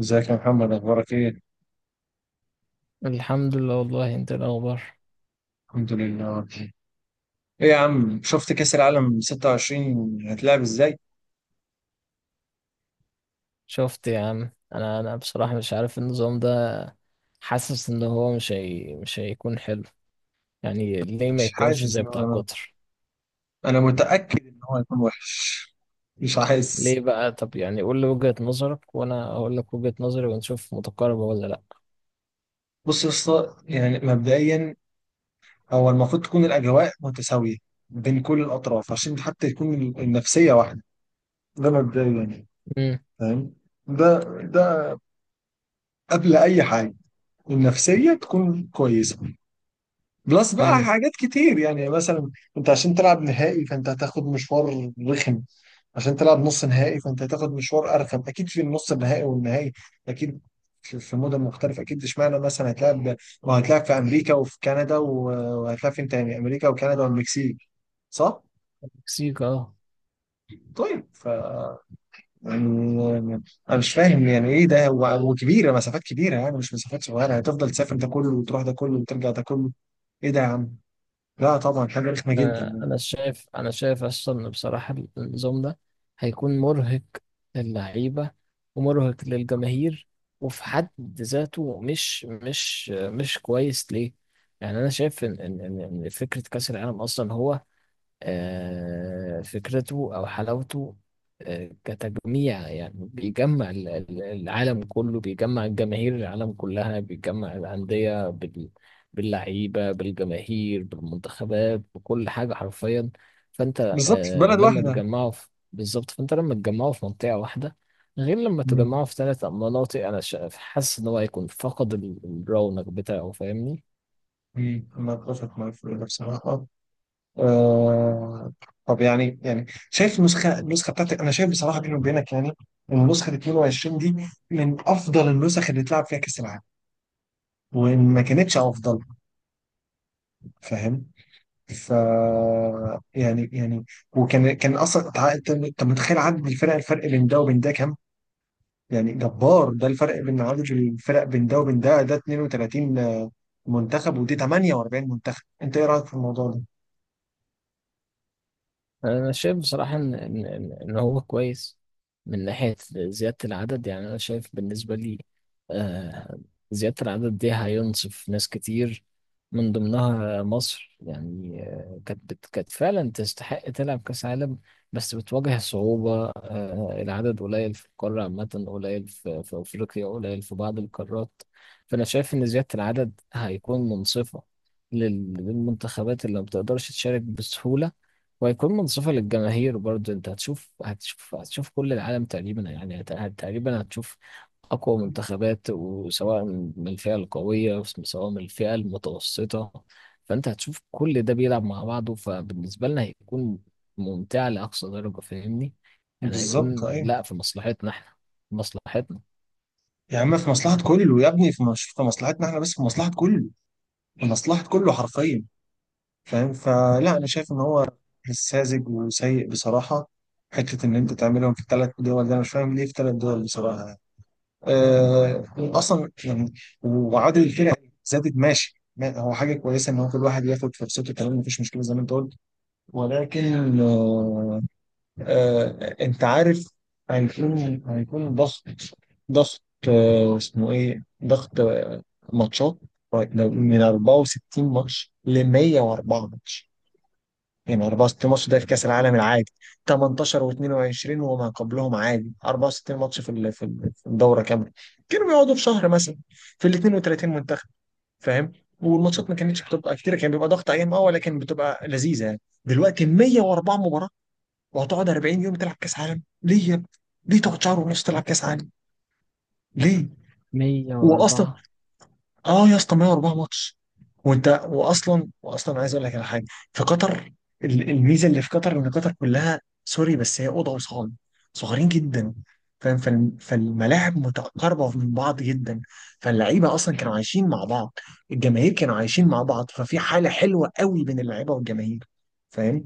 ازيك يا محمد، اخبارك ايه؟ الحمد لله، والله. انت إيه الاخبار؟ الحمد لله. ايه يا عم، شفت كأس العالم 26 هتلعب ازاي؟ شفت يا عم، انا بصراحة مش عارف النظام ده. حاسس ان هو مش هيكون حلو. يعني ليه ما مش يكونش حاسس زي ان بتاع انا قطر؟ انا متأكد ان هو هيكون وحش، مش حاسس. ليه بقى؟ طب يعني قول لي وجهة نظرك وانا اقول لك وجهة نظري ونشوف متقاربة ولا لا. بص يا اسطى، يعني مبدئيا هو المفروض تكون الاجواء متساوية بين كل الاطراف عشان حتى يكون النفسية واحدة. ده مبدئيا يعني، امم. فاهم؟ ده ده قبل اي حاجة النفسية تكون كويسة. بلس بقى امم. حاجات كتير، يعني مثلا انت عشان تلعب نهائي فانت هتاخد مشوار رخم، عشان تلعب نص نهائي فانت هتاخد مشوار ارخم اكيد. في النص النهائي والنهائي اكيد في مدن مختلفه، اكيد اشمعنى مثلا هتلعب، ما هتلعب في امريكا وفي كندا وهتلعب فين تاني؟ امريكا وكندا والمكسيك، صح؟ مكسيك، اه. طيب ف يعني انا مش فاهم يعني ايه ده وكبيره، مسافات كبيره، يعني مش مسافات صغيره، هتفضل تسافر ده كله وتروح ده كله وترجع ده كله، ايه ده يا عم؟ لا طبعا حاجه رخمه جدا آه، يعني. انا شايف اصلا إن بصراحه النظام ده هيكون مرهق للعيبه، ومرهق للجماهير، وفي حد ذاته مش كويس ليه. يعني انا شايف ان ان إن- إن فكره كاس العالم اصلا هو فكرته أو حلاوته، كتجميع، يعني بيجمع العالم كله، بيجمع الجماهير، العالم كلها، بيجمع الأندية باللعيبة، بالجماهير، بالمنتخبات، بكل حاجة حرفيا. فأنت بالظبط، في بلد لما واحده. بالظبط، فأنت لما تجمعوا في منطقة واحدة، غير لما مم. تجمعوا في ثلاث مناطق. أنا حاسس إن هو هيكون فقد الرونق بتاعه، فاهمني؟ مم، انا اتفق معاك في ده بصراحه. آه. طب يعني شايف النسخه، بتاعتك، انا شايف بصراحه بيني وبينك يعني ان نسخه 22 دي من افضل النسخ اللي اتلعب فيها كاس العالم، وان ما كانتش افضل، فاهم؟ ف يعني وكان اصلا انت، متخيل عدد الفرق، الفرق بين ده وبين ده كام؟ يعني جبار ده الفرق بين عدد الفرق بين ده وبين ده. ده 32 منتخب ودي 48 منتخب، انت ايه رايك في الموضوع ده؟ انا شايف بصراحه ان هو كويس من ناحيه زياده العدد. يعني انا شايف بالنسبه لي آه، زياده العدد دي هينصف ناس كتير، من ضمنها مصر. يعني كانت فعلا تستحق تلعب كاس عالم، بس بتواجه صعوبه. العدد قليل في القاره عامه، قليل في افريقيا، قليل في بعض القارات. فانا شايف ان زياده العدد هيكون منصفه للمنتخبات اللي ما بتقدرش تشارك بسهوله، وهيكون منصفة للجماهير برضه. انت هتشوف كل العالم تقريبا، يعني تقريبا هتشوف أقوى منتخبات، وسواء من الفئة القوية سواء من الفئة المتوسطة. فأنت هتشوف كل ده بيلعب مع بعضه، فبالنسبة لنا هيكون ممتع لأقصى درجة، فاهمني؟ يعني بالظبط. هيكون، لا، في مصلحتنا احنا، في مصلحتنا. يا عم في مصلحة كله يا ابني، في مش في مصلحتنا احنا بس، في مصلحة كله، في مصلحة كله حرفيا، فاهم؟ فلا أنا شايف إن هو ساذج وسيء بصراحة. حتة إن أنت تعملهم في 3 دول، ده أنا مش فاهم ليه في 3 دول بصراحة يعني. أه أصلا يعني، وعادل الكرة زادت، ماشي، هو حاجة كويسة إن هو كل واحد ياخد فرصته تمام، مفيش مشكلة زي ما أنت قلت، ولكن آه، انت عارف هيكون، ضغط، ضغط، اسمه ايه، ضغط، ماتشات. طيب، من 64 ماتش ل 104 ماتش، يعني 64 ماتش ده في كأس العالم العادي 18 و22 وما قبلهم عادي، 64 ماتش في في في الدورة كاملة، كانوا بيقعدوا في شهر مثلا في ال 32 منتخب، فاهم؟ والماتشات ما كانتش بتبقى كتير، كان بيبقى ضغط ايام اه، ولكن بتبقى لذيذة يعني. دلوقتي 104 مباراة وهتقعد 40 يوم تلعب كاس عالم، ليه يا ابني؟ ليه تقعد شهر ونص تلعب كاس عالم؟ ليه؟ واصلا 104. اه يا اسطى 104 ماتش. وانت واصلا، عايز اقول لك على حاجه، في قطر الميزه اللي في قطر ان قطر كلها سوري، بس هي اوضه وصاله صغيرين جدا، فاهم؟ فالملاعب متقاربه من بعض جدا، فاللعيبه اصلا كانوا عايشين مع بعض، الجماهير كانوا عايشين مع بعض، ففي حاله حلوه قوي بين اللعيبه والجماهير، فاهم؟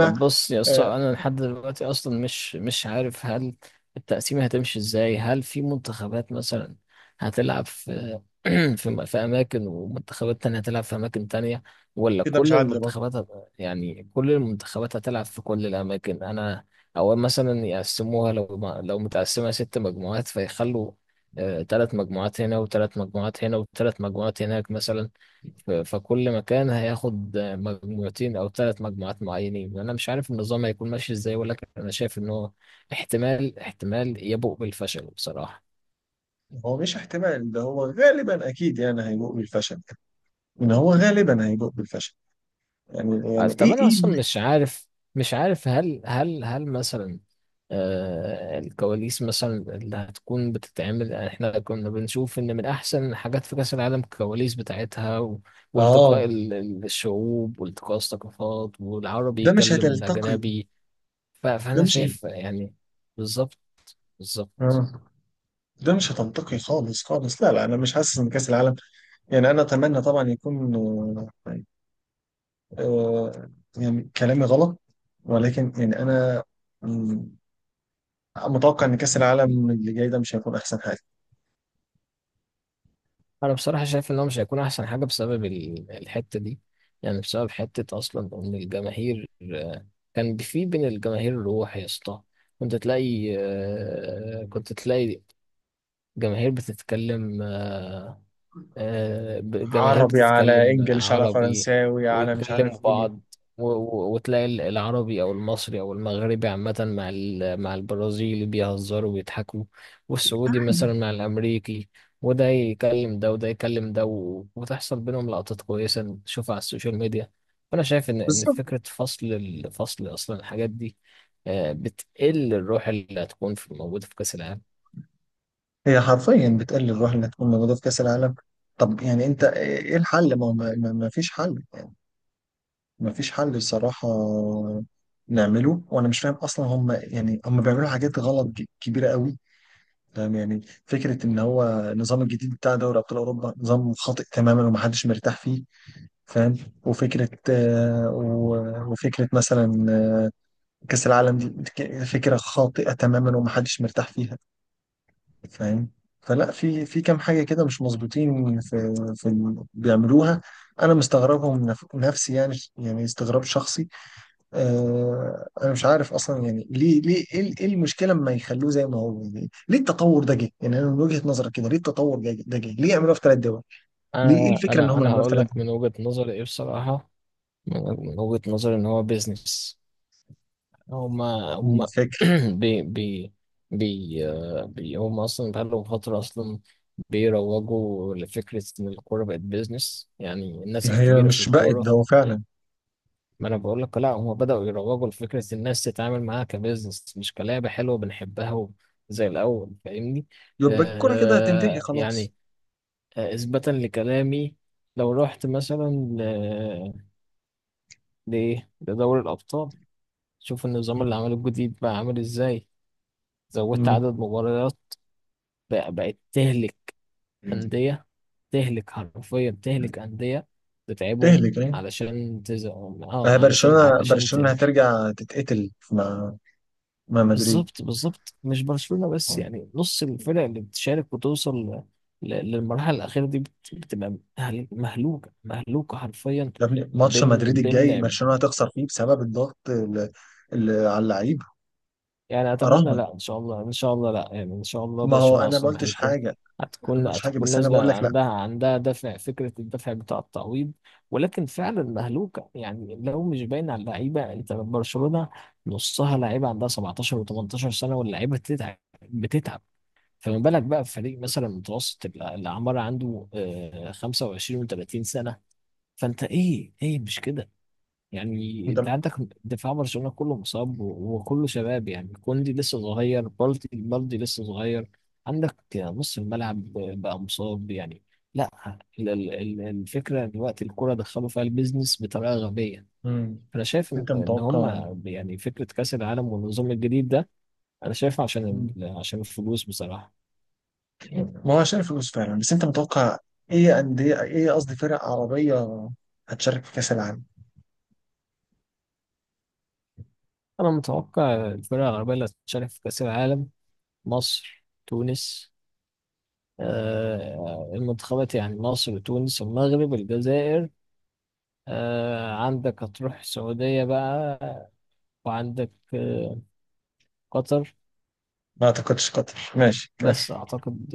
طب بص يا اسطى، آه، انا لحد دلوقتي اصلا مش عارف هل التقسيمه هتمشي ازاي؟ هل في منتخبات مثلا هتلعب في اماكن ومنتخبات تانية هتلعب في اماكن تانية، ولا كده مش كل عادل. يعني كل المنتخبات هتلعب في كل الاماكن؟ انا او مثلا يقسموها، لو ما- لو متقسمة ست مجموعات، فيخلوا ثلاث مجموعات هنا، وثلاث مجموعات هنا، وثلاث مجموعات هناك مثلا. فكل مكان هياخد مجموعتين او ثلاث مجموعات معينين. انا مش عارف النظام هيكون ماشي ازاي، ولكن انا شايف ان هو احتمال يبوء بالفشل بصراحة. هو مش احتمال، ده هو غالبا اكيد يعني هيبوء بالفشل، ان هو غالبا هيبوء بالفشل. يعني طب ايه انا ايه اصلا اللي. مش عارف، مش عارف هل مثلا الكواليس مثلا اللي هتكون بتتعمل. يعني احنا كنا بنشوف ان من احسن الحاجات في كاس العالم الكواليس بتاعتها، اه، والتقاء الشعوب، والتقاء الثقافات، والعربي ده مش يكلم هتلتقي، الاجنبي. ده فانا مش هت... شايف يعني بالظبط، بالظبط. آه. ده مش هتلتقي خالص خالص، لا لا انا مش حاسس ان كاس العالم، يعني انا اتمنى طبعا يكون آه، آه، يعني كلامي غلط، ولكن يعني انا مم، متوقع ان كاس العالم اللي جاي ده مش هيكون احسن حاجه. انا بصراحه شايف ان هو مش هيكون احسن حاجه بسبب الحته دي، يعني بسبب حته اصلا ان الجماهير، كان في بين الجماهير روح يا اسطى. كنت تلاقي جماهير بتتكلم، جماهير عربي على بتتكلم انجليش على عربي، فرنساوي على مش عارف ويتكلموا ايه. بعض، وتلاقي العربي او المصري او المغربي عامة مع مع البرازيلي بيهزروا وبيضحكوا، والسعودي مثلا مع الامريكي، وده يكلم ده وده يكلم ده، وتحصل بينهم لقطات كويسة نشوفها على السوشيال ميديا. فانا شايف ان بالظبط، فكرة فصل الفصل اصلا الحاجات دي، بتقل الروح اللي هتكون في موجودة في كأس العالم. هي حرفيا بتقلل الروح انها تكون موجوده في كاس العالم. طب يعني انت ايه الحل؟ ما فيش حل يعني، ما فيش حل الصراحه نعمله. وانا مش فاهم اصلا هم، يعني هم بيعملوا حاجات غلط كبيره قوي، فاهم يعني؟ فكره ان هو النظام الجديد بتاع دوري ابطال اوروبا نظام خاطئ تماما ومحدش مرتاح فيه، فاهم؟ وفكره وفكره مثلا كاس العالم دي فكره خاطئه تماما ومحدش مرتاح فيها، فاهم؟ فلا في كام حاجه كده مش مظبوطين في بيعملوها. انا مستغربهم من نفسي يعني، يعني استغراب شخصي. آه انا مش عارف اصلا يعني ليه ايه إيه المشكله لما يخلوه زي ما هو يعني؟ ليه التطور ده جه يعني؟ انا من وجهه نظرك كده ليه التطور ده جه، ليه يعملوها في 3 دول؟ ليه ايه انا الفكره ان انا هم انا يعملوها في هقول ثلاث لك من وجهة نظري ايه بصراحة. من وجهة نظري ان هو بيزنس. هما دول هما الفكره؟ بي بي بي آه، بي هما اصلا بقالهم فترة اصلا بيروجوا لفكرة ان الكورة بقت بيزنس، يعني الناس هي الكبيرة في مش بقت ده الكورة. هو فعلا. ما انا بقول لك، لا، هما بدأوا يروجوا لفكرة الناس تتعامل معاها كبيزنس، مش كلعبة حلوة بنحبها زي الاول، فاهمني؟ يبقى الكره كده هتنتهي آه خلاص. يعني. اثباتا لكلامي، لو رحت مثلا ل- لإيه لدوري الابطال، شوف النظام اللي عمله الجديد بقى عامل ازاي. زودت مم. عدد مباريات. بقت تهلك أندية، تهلك حرفيا، تهلك أندية، تتعبهم. تهلك يعني. علشان تز... آه، اه علشان برشلونة علشان ت... هترجع تتقتل مع مدريد. بالظبط، بالظبط، مش برشلونة بس، يعني نص الفرق اللي بتشارك وتوصل للمرحلة الأخيرة دي بتبقى مهلوكة، مهلوكة حرفيا. يا ابني ماتش مدريد بين بين الجاي لعب برشلونة هتخسر فيه بسبب الضغط اللي، اللي على اللعيبة. يعني اتمنى أراهنك. لا، ان شاء الله، ان شاء الله، لا يعني، ان شاء الله ما هو برشلونة أنا ما اصلا قلتش هيكون، حاجة، أنا ما هتكون قلتش حاجة هتكون بس أنا بقول نازله، لك لا. عندها دافع، فكره الدافع بتاع التعويض. ولكن فعلا مهلوكه، يعني لو مش باين على اللعيبه. انت برشلونه نصها لعيبه عندها 17 و18 سنه، واللعيبه بتتعب، بتتعب. فما بالك بقى في فريق مثلا متوسط الاعمار عنده 25 و30 سنه. فانت ايه مش كده؟ يعني أنت. انت عندك دفاع برشلونة كله مصاب، وكله شباب، يعني كوندي لسه صغير، بالدي بالدي لسه صغير. عندك نص الملعب بقى مصاب يعني. لا. الفكرة دلوقتي الكرة دخلوا فيها البيزنس بطريقة غبية. مم. انا شايف ان أنت إن متوقع. هما يعني فكرة كأس العالم والنظام الجديد ده، انا شايفه مم. عشان الفلوس بصراحة. ما هو عشان الفلوس فعلا بس أنت متوقع إيه أندية، إيه قصدي فرق عربية هتشارك في كأس العالم؟ انا متوقع الفرق العربية اللي هتشارك في كأس العالم: مصر، تونس. المنتخبات، يعني مصر، تونس، المغرب، الجزائر. عندك هتروح السعودية بقى، وعندك قطر. ما أعتقدش قطر ماشي بس أعتقد.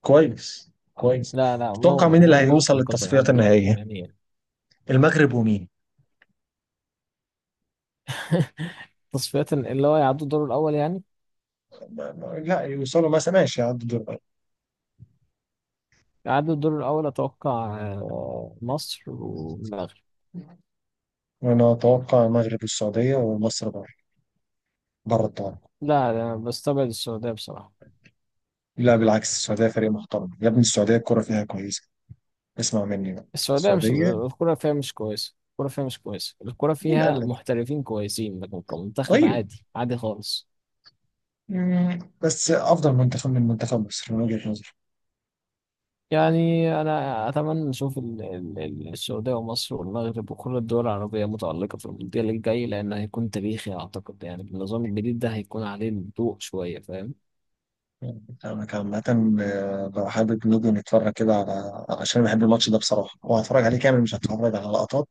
كويس كويس. لا، لا، تتوقع مين اللي هيوصل ممكن قطر، للتصفيات يعني النهائية، يعني المغرب ومين؟ تصفية اللي هو يعدوا الدور الأول يعني. لا يوصلوا مثلا، ماشي، يعدوا دور. يعدوا الدور الأول أتوقع مصر والمغرب. انا اتوقع المغرب والسعوديه ومصر بره، بره الدوري. لا، أنا بستبعد السعودية بصراحة. لا بالعكس السعوديه فريق محترم يا ابني، السعوديه الكره فيها كويسه، اسمع مني بقى. السعودية مش السعوديه. الكرة فيها مش كويسة، الكرة فيها مش كويسة، الكرة مين قال فيها لك؟ محترفين كويسين، لكن كمنتخب طيب. عادي، عادي خالص. مم، بس افضل منتخب من منتخب مصر من وجهه نظري. يعني أنا أتمنى نشوف السعودية ومصر والمغرب وكل الدول العربية متألقة في المونديال الجاي، لأن هيكون تاريخي أعتقد. يعني النظام الجديد ده هيكون عليه الضوء شوية، فاهم؟ انا عامه بقى حابب نيجي نتفرج كده على عشان بحب الماتش ده بصراحه، وهتفرج عليه كامل مش هتفرج على لقطات.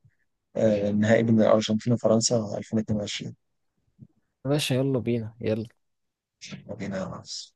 آه، النهائي بين الارجنتين وفرنسا 2022. يا باشا، يلا بينا، يلا. مدينه